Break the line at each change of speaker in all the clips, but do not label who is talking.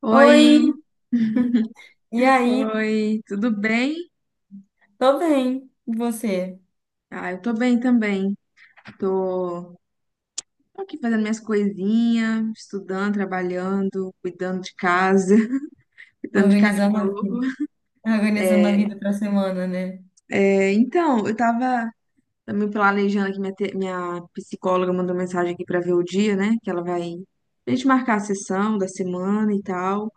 Oi,
Oi, e aí?
oi, tudo bem?
Tô bem, e você?
Ah, eu tô bem também. Tô, tô aqui fazendo minhas coisinhas, estudando, trabalhando, cuidando de casa, cuidando de
Organizando a
cachorro.
vida, organizando a
É,
vida pra semana, né?
é, então, tava me planejando aqui, minha psicóloga mandou mensagem aqui pra ver o dia, né? Que ela vai a gente marcar a sessão da semana e tal.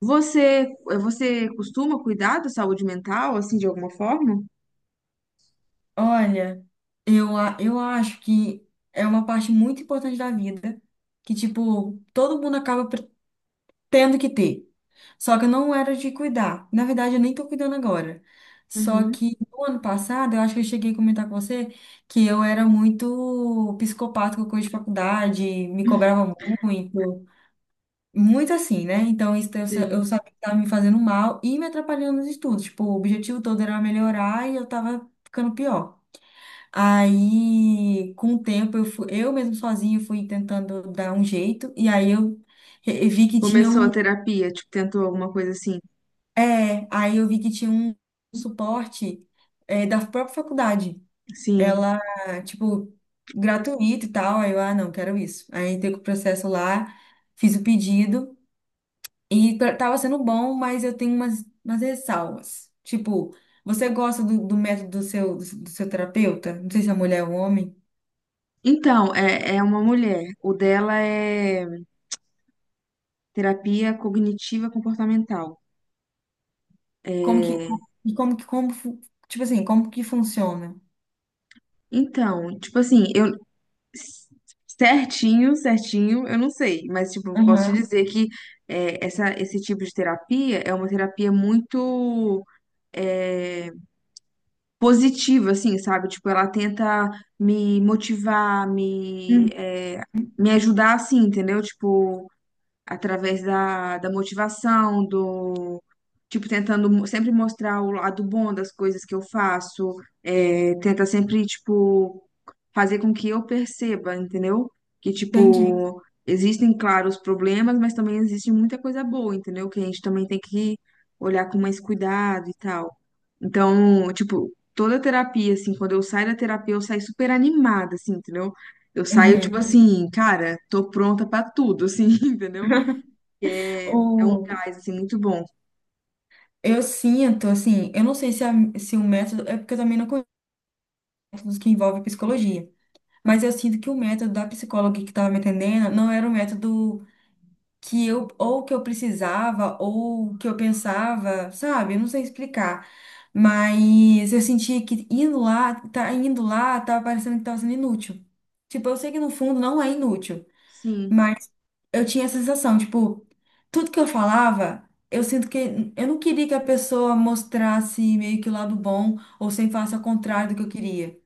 Você costuma cuidar da saúde mental, assim, de alguma forma?
Olha, eu acho que é uma parte muito importante da vida que, tipo, todo mundo acaba tendo que ter. Só que eu não era de cuidar. Na verdade, eu nem tô cuidando agora. Só
Uhum.
que no ano passado, eu acho que eu cheguei a comentar com você que eu era muito psicopata com coisa de faculdade, me cobrava muito. Muito assim, né? Então, eu
Sim.
sabia que estava me fazendo mal e me atrapalhando nos estudos. Tipo, o objetivo todo era melhorar e eu tava ficando pior. Aí, com o tempo, eu mesmo sozinha fui tentando dar um jeito. E aí eu vi que tinha
Começou a
um.
terapia, tipo, tentou alguma coisa assim.
É, aí eu vi que tinha um suporte, da própria faculdade.
Sim.
Ela, tipo, gratuito e tal. Aí eu, ah, não, quero isso. Aí entrei com o processo lá, fiz o pedido. E tava sendo bom, mas eu tenho umas ressalvas. Tipo, você gosta do método do seu terapeuta? Não sei se é mulher ou homem.
Então, é, é uma mulher. O dela é terapia cognitiva comportamental.
Como que,
É,
e como que, tipo assim, como que funciona?
então, tipo assim, eu certinho, certinho, eu não sei, mas tipo, posso te
Aham.
dizer que esse tipo de terapia é uma terapia muito é, positiva, assim, sabe? Tipo, ela tenta me motivar,
Uhum.
me ajudar, assim, entendeu? Tipo, através da motivação, do tipo, sempre mostrar o lado bom das coisas que eu faço, é, tenta sempre, tipo, fazer com que eu perceba, entendeu? Que,
Entendi.
tipo, existem, claro, os problemas, mas também existe muita coisa boa, entendeu? Que a gente também tem que olhar com mais cuidado e tal. Então, tipo, toda a terapia, assim, quando eu saio da terapia, eu saio super animada, assim, entendeu? Eu saio, tipo
Uhum.
assim, cara, tô pronta pra tudo, assim, entendeu? É um
O,
gás, assim, muito bom.
eu sinto, assim, eu não sei se o método, é porque eu também não conheço métodos que envolvem psicologia, mas eu sinto que o método da psicóloga que estava me atendendo não era o método que eu ou que eu precisava ou que eu pensava, sabe? Eu não sei explicar. Mas eu senti que tá indo lá, tava parecendo que tava sendo inútil. Tipo, eu sei que no fundo não é inútil,
Sim.
mas eu tinha essa sensação, tipo, tudo que eu falava, eu sinto que eu não queria que a pessoa mostrasse meio que o lado bom ou sem faça ao contrário do que eu queria.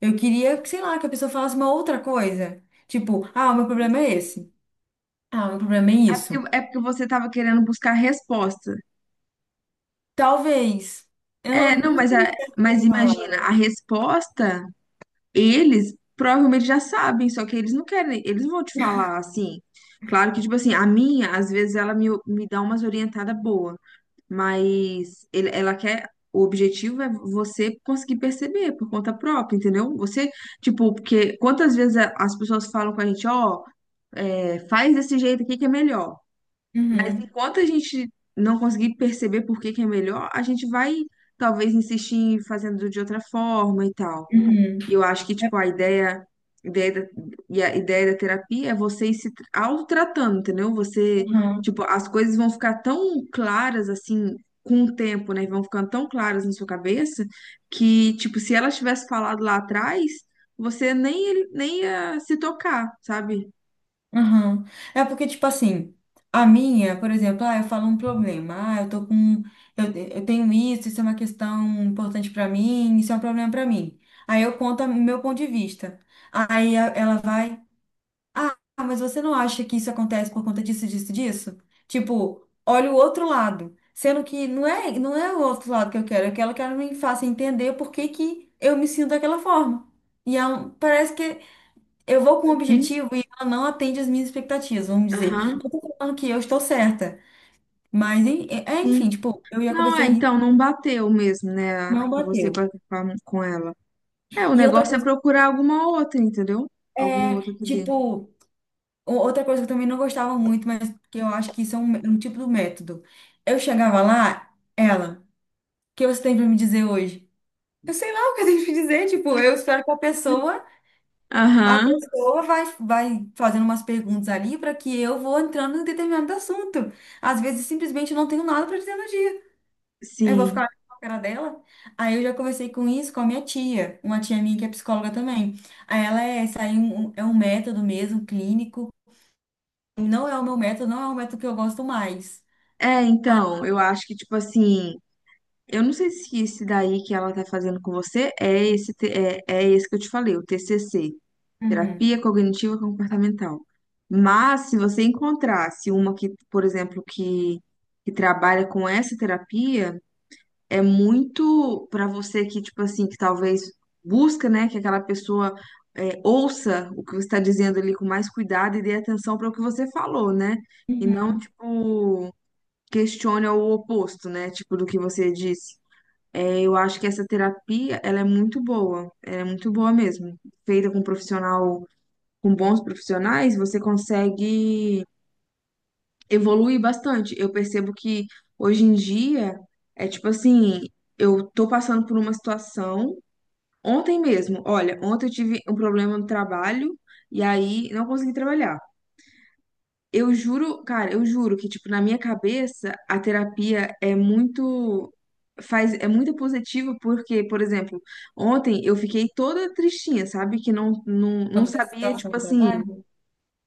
Eu queria, que, sei lá, que a pessoa falasse uma outra coisa. Tipo, ah, o meu problema é esse. Ah, o meu problema é isso.
É porque você estava querendo buscar resposta.
Talvez. Eu
É,
não
não,
não
mas,
sei
a,
se é
mas
essa a
imagina,
palavra.
a resposta, eles provavelmente já sabem, só que eles não querem, eles vão te falar assim. Claro que, tipo assim, a minha, às vezes, me dá umas orientadas boas, mas ela quer. O objetivo é você conseguir perceber por conta própria, entendeu? Você, tipo, porque quantas vezes as pessoas falam com a gente, ó, é, faz desse jeito aqui que é melhor. Mas
Uhum.
enquanto a gente não conseguir perceber por que que é melhor, a gente vai talvez insistir em fazendo de outra forma e tal.
Uhum.
E eu acho que,
É,
tipo, ideia da, a ideia da terapia é você ir se tra- autotratando, entendeu? Você,
uhum.
tipo, as coisas vão ficar tão claras assim com o tempo, né? Vão ficando tão claras na sua cabeça que, tipo, se ela tivesse falado lá atrás, você nem ia se tocar, sabe?
Uhum. É porque, tipo assim, a minha, por exemplo, ah, eu falo um problema. Ah, eu tô com. Eu, eu tenho isso, isso é uma questão importante pra mim, isso é um problema pra mim. Aí eu conto o meu ponto de vista. Ela vai. Ah, mas você não acha que isso acontece por conta disso, disso, disso? Tipo, olha o outro lado. Sendo que não é o outro lado que eu quero que ela me faça entender por que que eu me sinto daquela forma. E é parece que eu vou com um
Hum.
objetivo e ela não atende as minhas expectativas, vamos dizer.
Aham.
Não tô falando que eu estou certa, mas enfim, tipo, eu ia
Não,
conversar
é,
e
então não bateu mesmo, né? a-
não
Você com, a-
bateu.
com a- com ela. É, o
E outra
negócio é
coisa
procurar alguma outra, entendeu? Alguma
é,
outra aqui dentro.
tipo. Outra coisa que eu também não gostava muito, mas que eu acho que isso é um tipo do método. Eu chegava lá, ela, o que você tem pra me dizer hoje? Eu sei lá o que eu tenho pra dizer, tipo, eu espero que a
Aham,
pessoa vai fazendo umas perguntas ali para que eu vou entrando em determinado assunto. Às vezes, simplesmente, eu não tenho nada para dizer no dia. Eu vou
sim.
ficar com a cara dela. Aí eu já conversei com isso com a minha tia, uma tia minha que é psicóloga também. Aí ela é, isso aí é é um método mesmo, clínico. Não é o meu método, não é o método que eu gosto mais.
É, então, eu acho que, tipo assim, eu não sei se esse daí que ela tá fazendo com você é esse, é esse que eu te falei, o TCC,
Uhum.
Terapia Cognitiva Comportamental. Mas, se você encontrasse uma que, por exemplo, que trabalha com essa terapia. É muito para você que, tipo assim, que talvez busca, né, que aquela pessoa é, ouça o que você está dizendo ali com mais cuidado e dê atenção para o que você falou, né? E não,
Uhum.
tipo, questione o oposto, né, tipo, do que você disse. É, eu acho que essa terapia, ela é muito boa, ela é muito boa mesmo. Feita com um profissional, com bons profissionais, você consegue evolui bastante. Eu percebo que hoje em dia é tipo assim, eu tô passando por uma situação. Ontem mesmo, olha, ontem eu tive um problema no trabalho e aí não consegui trabalhar. Eu juro, cara, eu juro que tipo na minha cabeça a terapia é muito faz é muito positiva porque, por exemplo, ontem eu fiquei toda tristinha, sabe? Que não
Quando dessa
sabia
situação
tipo
do
assim
trabalho?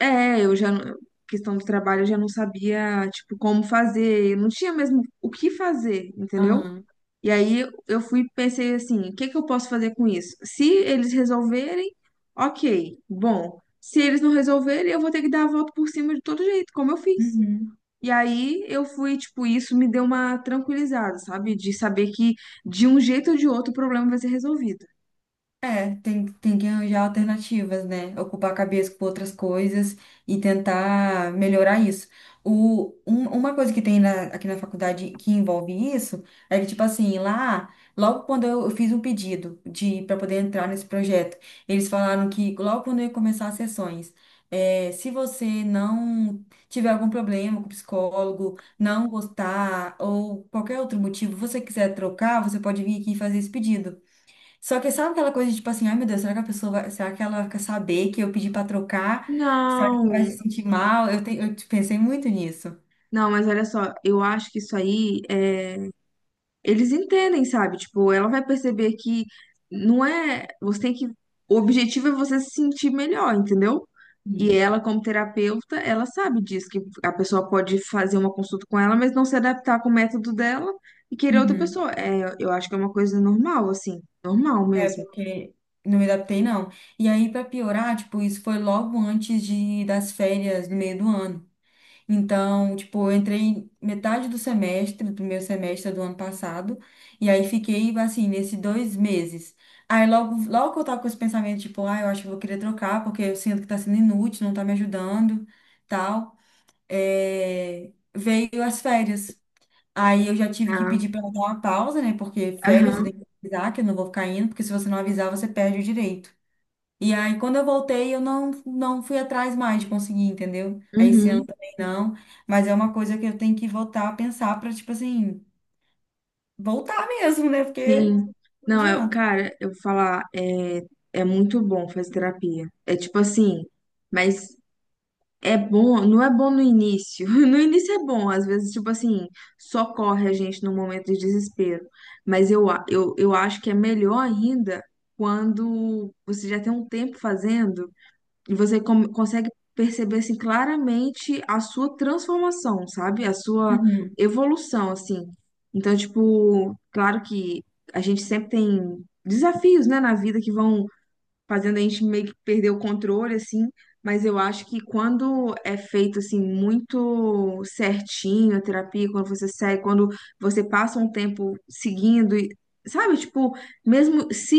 é, eu já, não- questão do trabalho, eu já não sabia, tipo, como fazer, eu não tinha mesmo o que fazer, entendeu?
Aham.
E aí eu fui, e pensei assim, o que que eu posso fazer com isso? Se eles resolverem, ok, bom. Se eles não resolverem, eu vou ter que dar a volta por cima de todo jeito, como eu fiz.
Uhum.
E aí eu fui, tipo, isso me deu uma tranquilizada, sabe? De saber que de um jeito ou de outro o problema vai ser resolvido.
É, tem que arranjar alternativas, né? Ocupar a cabeça com outras coisas e tentar melhorar isso. Uma coisa que tem aqui na faculdade que envolve isso é que, tipo assim, lá, logo quando eu fiz um pedido de para poder entrar nesse projeto, eles falaram que logo quando eu ia começar as sessões, é, se você não tiver algum problema com o psicólogo, não gostar ou qualquer outro motivo, você quiser trocar, você pode vir aqui e fazer esse pedido. Só que sabe aquela coisa de tipo assim, ai meu Deus, será que a pessoa vai, será que ela quer saber que eu pedi pra trocar? Será que ela
Não,
vai se sentir mal? Eu pensei muito nisso.
não, mas olha só, eu acho que isso aí é. Eles entendem, sabe? Tipo, ela vai perceber que não é. Você tem que. O objetivo é você se sentir melhor, entendeu? E
Sim.
ela, como terapeuta, ela sabe disso, que a pessoa pode fazer uma consulta com ela, mas não se adaptar com o método dela e querer outra
Uhum.
pessoa. É, eu acho que é uma coisa normal, assim, normal
É,
mesmo.
porque não me adaptei, não. E aí, pra piorar, tipo, isso foi logo antes de, das férias, no meio do ano. Então, tipo, eu entrei metade do semestre, do primeiro semestre do ano passado, e aí fiquei, assim, nesses dois meses. Aí logo que eu tava com esse pensamento, tipo, ah, eu acho que eu vou querer trocar, porque eu sinto que tá sendo inútil, não tá me ajudando, tal, é, veio as férias. Aí eu já tive que
Ah,
pedir pra dar uma pausa, né, porque férias eu tenho
aham,
que avisar, que eu não vou ficar indo, porque se você não avisar, você perde o direito. E aí, quando eu voltei, eu não, não fui atrás mais de conseguir, entendeu? Aí esse ano
uhum,
também não. Mas é uma coisa que eu tenho que voltar a pensar pra, tipo assim, voltar mesmo, né? Porque
sim.
não
Não, eu,
adianta.
cara, eu vou falar, é, é muito bom fazer terapia. É tipo assim, mas é bom, não é bom no início. No início é bom, às vezes, tipo assim, socorre a gente num momento de desespero. Mas eu acho que é melhor ainda quando você já tem um tempo fazendo e você consegue perceber, assim, claramente a sua transformação, sabe? A sua
Uhum.
evolução, assim. Então, tipo, claro que a gente sempre tem desafios, né, na vida que vão fazendo a gente meio que perder o controle, assim. Mas eu acho que quando é feito, assim, muito certinho a terapia, quando você segue, quando você passa um tempo seguindo, e, sabe? Tipo, mesmo se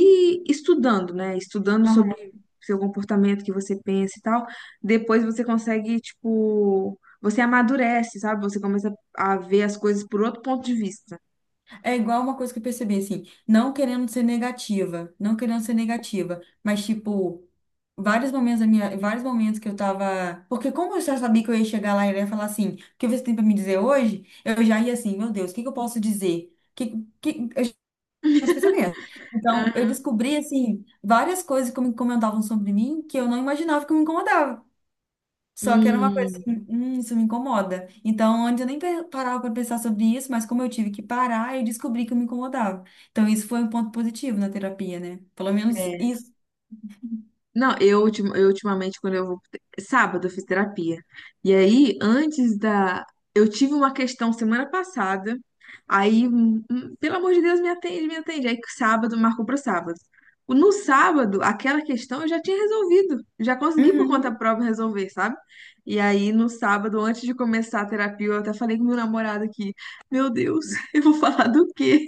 estudando, né? Estudando
Aham.
sobre seu comportamento, que você pensa e tal, depois você consegue, tipo, você amadurece, sabe? Você começa a ver as coisas por outro ponto de vista.
É igual uma coisa que eu percebi, assim, não querendo ser negativa, não querendo ser negativa, mas tipo, vários momentos da minha, vários momentos que eu tava. Porque como eu já sabia que eu ia chegar lá e ele ia falar assim, o que você tem pra me dizer hoje? Eu já ia assim, meu Deus, o que que eu posso dizer? Esse pensamento. Então, eu descobri, assim, várias coisas que me incomodavam sobre mim que eu não imaginava que me incomodava. Só que era uma coisa
Hum,
assim, isso me incomoda. Então, antes eu nem parava para pensar sobre isso, mas como eu tive que parar, eu descobri que eu me incomodava. Então, isso foi um ponto positivo na terapia, né? Pelo menos
É,
isso.
não, eu ultimamente, quando eu vou. Sábado eu fiz terapia. E aí, antes da. Eu tive uma questão semana passada. Aí, pelo amor de Deus, me atende, me atende. Aí, sábado, marcou para sábado. No sábado, aquela questão eu já tinha resolvido. Já consegui por conta
Uhum,
própria resolver, sabe? E aí, no sábado, antes de começar a terapia, eu até falei com meu namorado aqui: Meu Deus, eu vou falar do quê?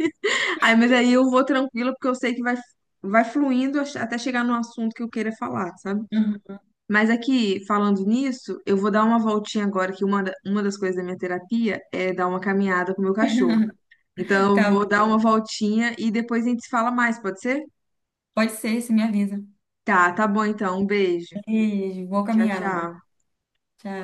Aí, mas aí eu vou tranquila, porque eu sei que vai fluindo até chegar no assunto que eu queira falar, sabe?
uhum.
Mas aqui, falando nisso, eu vou dar uma voltinha agora, que uma das coisas da minha terapia é dar uma caminhada com o meu cachorro. Então, eu
Tá,
vou dar uma voltinha e depois a gente se fala mais, pode ser?
pode ser, se me avisa.
Tá, tá bom então. Um beijo.
Beijo, boa
Tchau,
caminhada.
tchau.
Tchau.